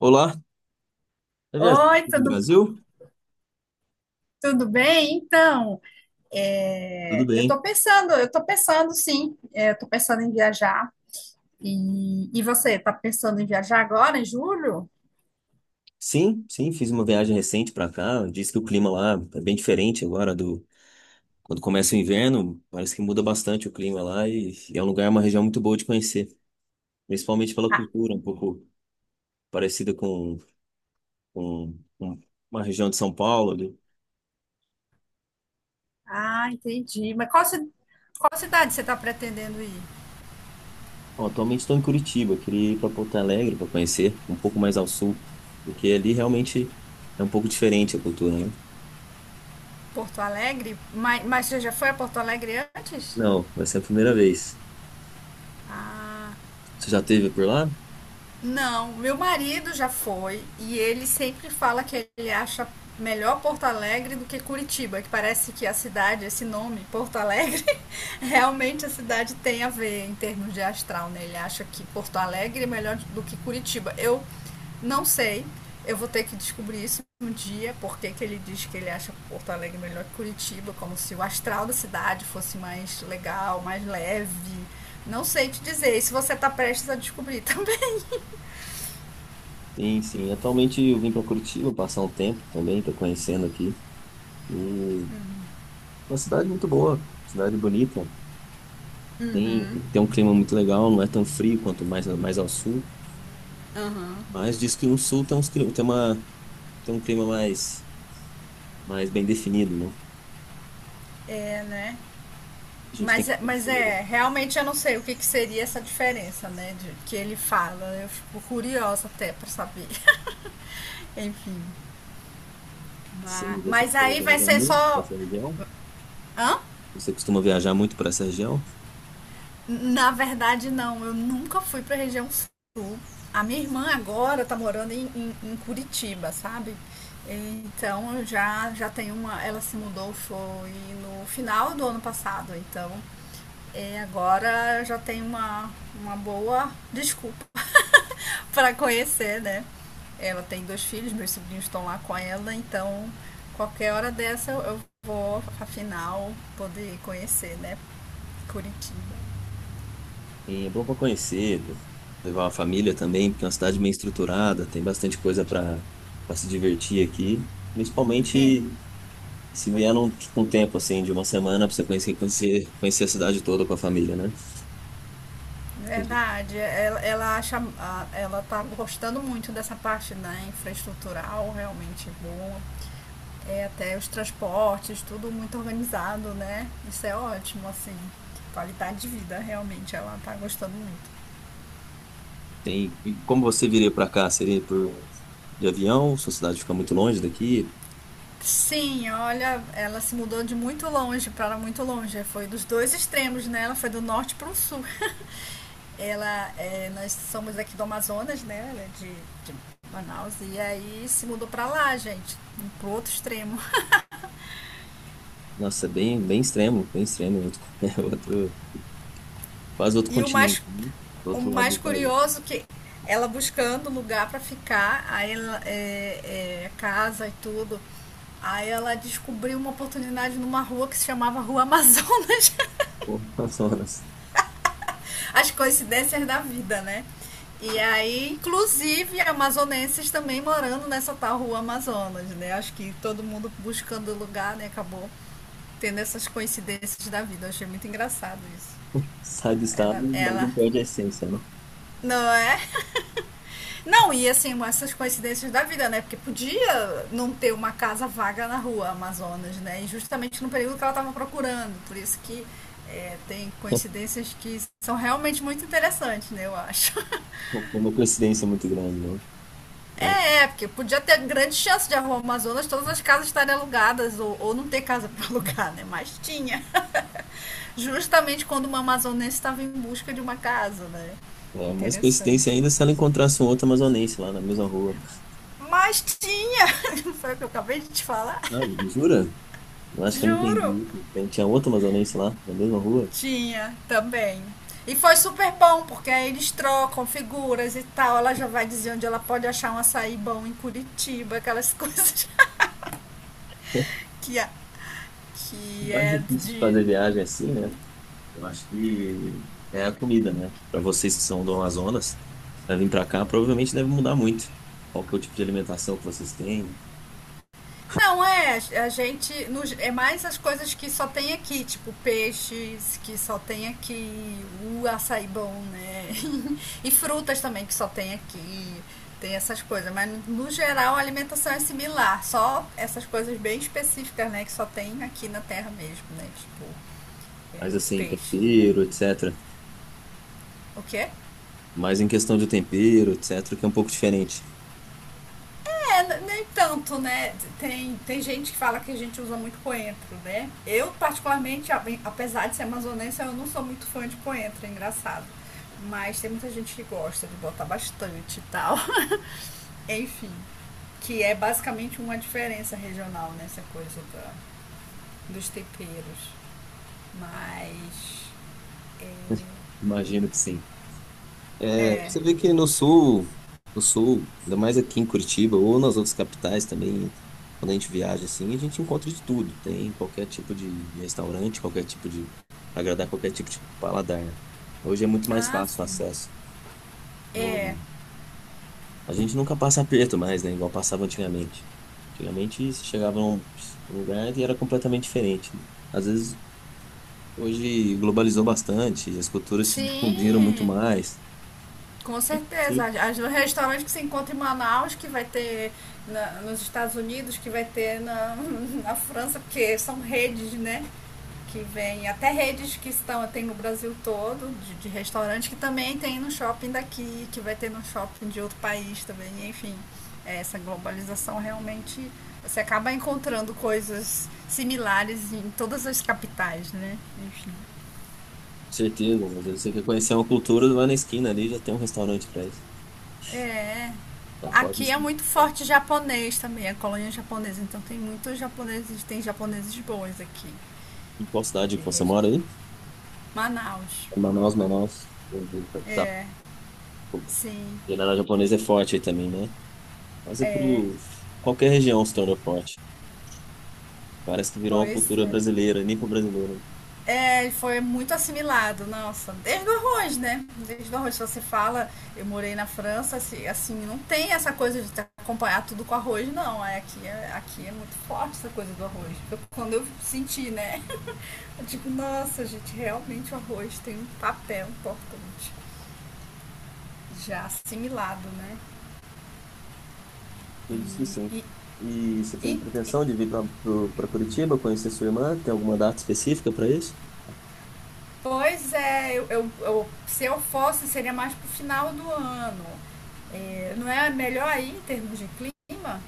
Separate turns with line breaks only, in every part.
Olá, tá viajando
Oi,
do
tudo,
Brasil?
tudo bem?
Tudo
Eu
bem?
estou pensando eu estou pensando em viajar. E, você, está pensando em viajar agora, em julho?
Sim, sim, fiz uma viagem recente para cá. Diz que o clima lá é bem diferente agora do quando começa o inverno. Parece que muda bastante o clima lá e é um lugar, uma região muito boa de conhecer, principalmente pela
Ah,
cultura, um pouco parecida com uma região de São Paulo ali.
entendi. Qual cidade você está pretendendo ir?
Bom, atualmente estou em Curitiba, queria ir para Porto Alegre para conhecer, um pouco mais ao sul, porque ali realmente é um pouco diferente a cultura, né?
Porto Alegre? Mas você já foi a Porto Alegre antes?
Não, vai ser a primeira vez.
Ah,
Você já esteve por lá?
não, meu marido já foi e ele sempre fala que ele acha melhor Porto Alegre do que Curitiba, que parece que a cidade, esse nome, Porto Alegre. Realmente a cidade tem a ver em termos de astral, né? Ele acha que Porto Alegre é melhor do que Curitiba. Eu não sei, eu vou ter que descobrir isso um dia, porque que ele diz que ele acha Porto Alegre melhor que Curitiba, como se o astral da cidade fosse mais legal, mais leve. Não sei te dizer, e se você tá prestes a descobrir também.
Sim, sim. Atualmente eu vim para Curitiba passar um tempo também, estou conhecendo aqui. E uma cidade muito boa, cidade bonita. Tem um clima muito legal, não é tão frio quanto mais, mais ao sul.
Aham.
Mas diz que no sul tem, uns, tem um clima mais, mais bem definido, né?
É, né?
A gente tem que
Mas
conhecer melhor.
é, realmente eu não sei o que, que seria essa diferença, né? De, que ele fala. Eu fico curiosa até pra saber. Enfim. Vai.
Sim, você
Mas
costuma
aí vai
viajar
ser
muito para
só.
essa região?
Hã?
Você costuma viajar muito para essa região?
Na verdade, não. Eu nunca fui pra região sul. A minha irmã agora tá morando em Curitiba, sabe? Então eu já tem uma. Ela se mudou, foi no final do ano passado. Então agora eu já tem uma boa desculpa para conhecer, né? Ela tem dois filhos, meus sobrinhos estão lá com ela, então qualquer hora dessa eu vou, afinal, poder conhecer, né? Curitiba.
Sim, é bom para conhecer, levar uma família também, porque é uma cidade bem estruturada, tem bastante coisa para se divertir aqui.
É,
Principalmente se vier num, tipo, um tempo assim, de uma semana, para você conhecer a cidade toda com a família, né? Acredito que
verdade. Ela acha, ela tá gostando muito dessa parte da infraestrutural, realmente boa. É, até os transportes, tudo muito organizado, né? Isso é ótimo, assim. Qualidade de vida, realmente, ela tá gostando muito.
tem, e como você viria para cá? Seria por de avião? Sua cidade fica muito longe daqui?
Sim, olha, ela se mudou de muito longe para muito longe. Foi dos dois extremos, né? Ela foi do norte para o sul. Nós somos aqui do Amazonas, né? Ela é de Manaus. E aí se mudou para lá, gente, pro outro extremo.
Nossa, é bem, bem extremo, outro, é outro, quase outro
E o
continente,
mais,
né? Do
o
outro lado
mais
do país.
curioso que ela buscando lugar para ficar, aí ela, é, é, casa e tudo. Aí ela descobriu uma oportunidade numa rua que se chamava Rua Amazonas.
Pô, Amazonas.
As coincidências da vida, né? E aí, inclusive, amazonenses também morando nessa tal rua Amazonas, né? Acho que todo mundo buscando lugar, né? Acabou tendo essas coincidências da vida. Eu achei muito engraçado isso.
Sai do estado,
Ela,
mas
ela,
não perde a essência, né?
não é? Não, e assim, essas coincidências da vida, né? Porque podia não ter uma casa vaga na rua Amazonas, né? E justamente no período que ela estava procurando. Por isso que tem coincidências que são realmente muito interessantes, né? Eu acho.
Não foi uma coincidência muito grande, não. Não,
Porque podia ter grande chance de arrumar Amazonas, todas as casas estarem alugadas ou não ter casa para alugar, né? Mas tinha. Justamente quando uma amazonense estava em busca de uma casa, né?
mais coincidência
Interessante.
ainda se ela encontrasse um outro amazonense lá na mesma rua.
Mas tinha! Não foi o que eu acabei de te falar?
Ah, jura? Eu acho que eu não
Juro!
entendi. Tinha outro amazonense lá na mesma rua.
Tinha também. E foi super bom, porque aí eles trocam figuras e tal. Ela já vai dizer onde ela pode achar um açaí bom em Curitiba, aquelas que,
O
que
mais
é
difícil de
de.
fazer viagem assim, né? Eu acho que é a comida, né? Para vocês que são do Amazonas, para vir para cá, provavelmente deve mudar muito. Qual que é o tipo de alimentação que vocês têm?
A gente. É mais as coisas que só tem aqui, tipo peixes, que só tem aqui, o açaí bom, né? E frutas também que só tem aqui. Tem essas coisas. Mas no no geral a alimentação é similar. Só essas coisas bem específicas, né? Que só tem aqui na terra mesmo, né? Tipo, tem
Mais
uns
assim,
peixes, né?
tempero, etc.
O quê?
Mais em questão de tempero, etc., que é um pouco diferente.
É, nem tanto, né? Tem gente que fala que a gente usa muito coentro, né? Eu, particularmente, apesar de ser amazonense, eu não sou muito fã de coentro, é engraçado. Mas tem muita gente que gosta de botar bastante e tal. Enfim, que é basicamente uma diferença regional nessa dos temperos. Mas.
Imagino que sim. É,
É.
você vê que no sul, ainda mais aqui em Curitiba ou nas outras capitais também, quando a gente viaja assim, a gente encontra de tudo. Tem qualquer tipo de restaurante, qualquer tipo de agradar qualquer tipo de paladar, né? Hoje é muito mais
Ah,
fácil o
sim.
acesso.
É.
Não- a gente nunca passa aperto mais, né? Igual passava antigamente. Antigamente você chegava num lugar e era completamente diferente, né? Às vezes hoje globalizou bastante, as culturas se difundiram muito
Sim.
mais.
Com certeza. Os restaurantes que se encontra em Manaus, que vai ter nos Estados Unidos, que vai ter na, na França, porque são redes, né? Que vem até redes que estão, tem no Brasil todo, de restaurante, que também tem no shopping daqui, que vai ter no shopping de outro país também, enfim. Essa globalização realmente você acaba encontrando coisas similares em todas as capitais, né? Enfim.
Certeza, mas aí você quer conhecer uma cultura, vai na esquina ali, já tem um restaurante pra isso.
É,
Já pode,
aqui é
sim.
muito forte japonês também, a colônia japonesa. Então tem muitos japoneses, tem japoneses bons aqui.
Em qual cidade que
De
você mora
resto.
aí?
Manaus.
Manaus, Manaus. Tá.
É, sim,
Culinária japonesa é forte aí também, né? Mas é
é,
pro... qualquer região se torna forte. Parece que virou uma
Pois
cultura
é.
brasileira, nem pro brasileiro.
É, ele foi muito assimilado, nossa, desde o arroz, né? Desde o arroz, se você fala, eu morei na França, não tem essa coisa de te acompanhar tudo com arroz, não. Aqui é muito forte essa coisa do arroz. Quando eu senti, né? Eu digo, nossa, gente, realmente o arroz tem um papel importante. Já assimilado, né?
Eu disse sim.
E,
E você tem
e, e
pretensão de vir para Curitiba conhecer sua irmã? Tem alguma data específica para isso?
Pois é, se eu fosse, seria mais pro final do ano. É, não é melhor aí em termos de clima?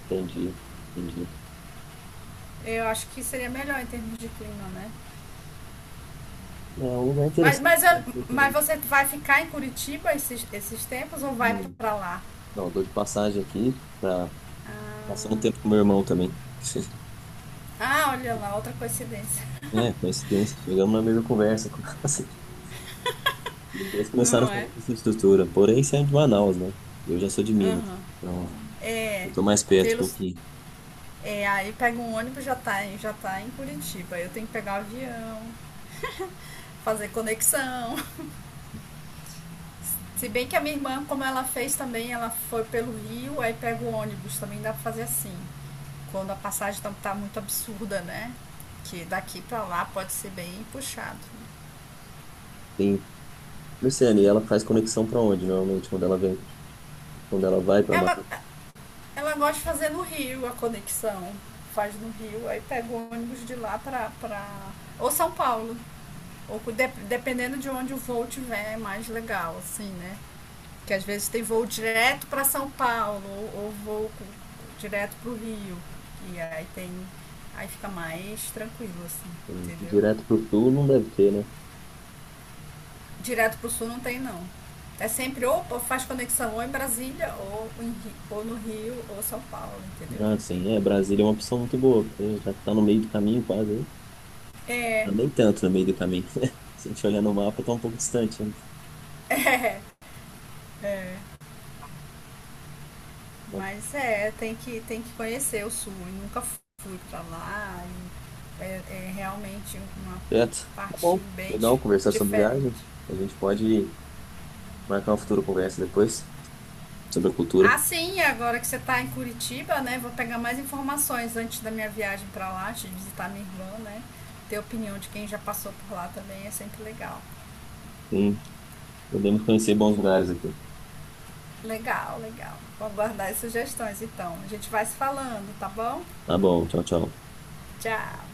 Entendi, entendi.
Eu acho que seria melhor em termos de clima, né?
É um lugar interessante, né? Eu
Mas
também.
você vai ficar em Curitiba esses tempos ou vai
Não,
pra lá?
não, dou de passagem aqui para passando um
Ah,
tempo com meu irmão também.
Olha lá, outra coincidência.
É, coincidência. Chegamos na mesma conversa. Assim, eles começaram
Não
a
é?
falar de infraestrutura. Porém, isso é de Manaus, né? Eu já sou de Minas.
Aham.
Então,
É,
eu tô mais perto um
pelos.
pouquinho.
É, aí pega um ônibus já tá, já tá em Curitiba. Eu tenho que pegar o avião. Fazer conexão. Se bem que a minha irmã, como ela fez também, ela foi pelo Rio, aí pega o ônibus, também dá pra fazer assim. Quando a passagem tá muito absurda, né? Que daqui pra lá pode ser bem puxado.
Sim. Luciane, e ela faz conexão pra onde, normalmente, quando ela vem, quando ela vai pra
Ela,
Mata?
ela gosta de fazer no Rio a conexão. Faz no Rio, aí pega o ônibus de lá pra. Pra... Ou São Paulo. Dependendo de onde o voo tiver, é mais legal, assim, né? Que às vezes tem voo direto para São Paulo ou direto para o Rio. E aí tem. Aí fica mais tranquilo, assim, entendeu?
Direto pro sul não deve ter, né?
Direto para o sul não tem não. É sempre ou faz conexão ou em Brasília, ou no Rio, ou São Paulo, entendeu?
Ah, sim, é. Brasília é uma opção muito boa, porque já que tá no meio do caminho, quase aí.
É,
Não, nem tanto no meio do caminho, né? Se a gente olhar no mapa, tá um pouco distante, né?
é.
Então,
Mas é, tem que conhecer o sul. Eu nunca fui para lá. É, é realmente uma
certo. Tá
parte
bom. Legal conversar sobre viagem.
diferente.
A gente pode marcar uma futura conversa depois sobre a cultura.
Ah, sim, agora que você está em Curitiba, né? Vou pegar mais informações antes da minha viagem para lá, de visitar minha irmã, né? Ter opinião de quem já passou por lá também é sempre legal.
Sim, podemos conhecer bons lugares aqui.
Legal, legal. Vou aguardar as sugestões então. A gente vai se falando, tá bom?
Tá bom, tchau, tchau.
Tchau!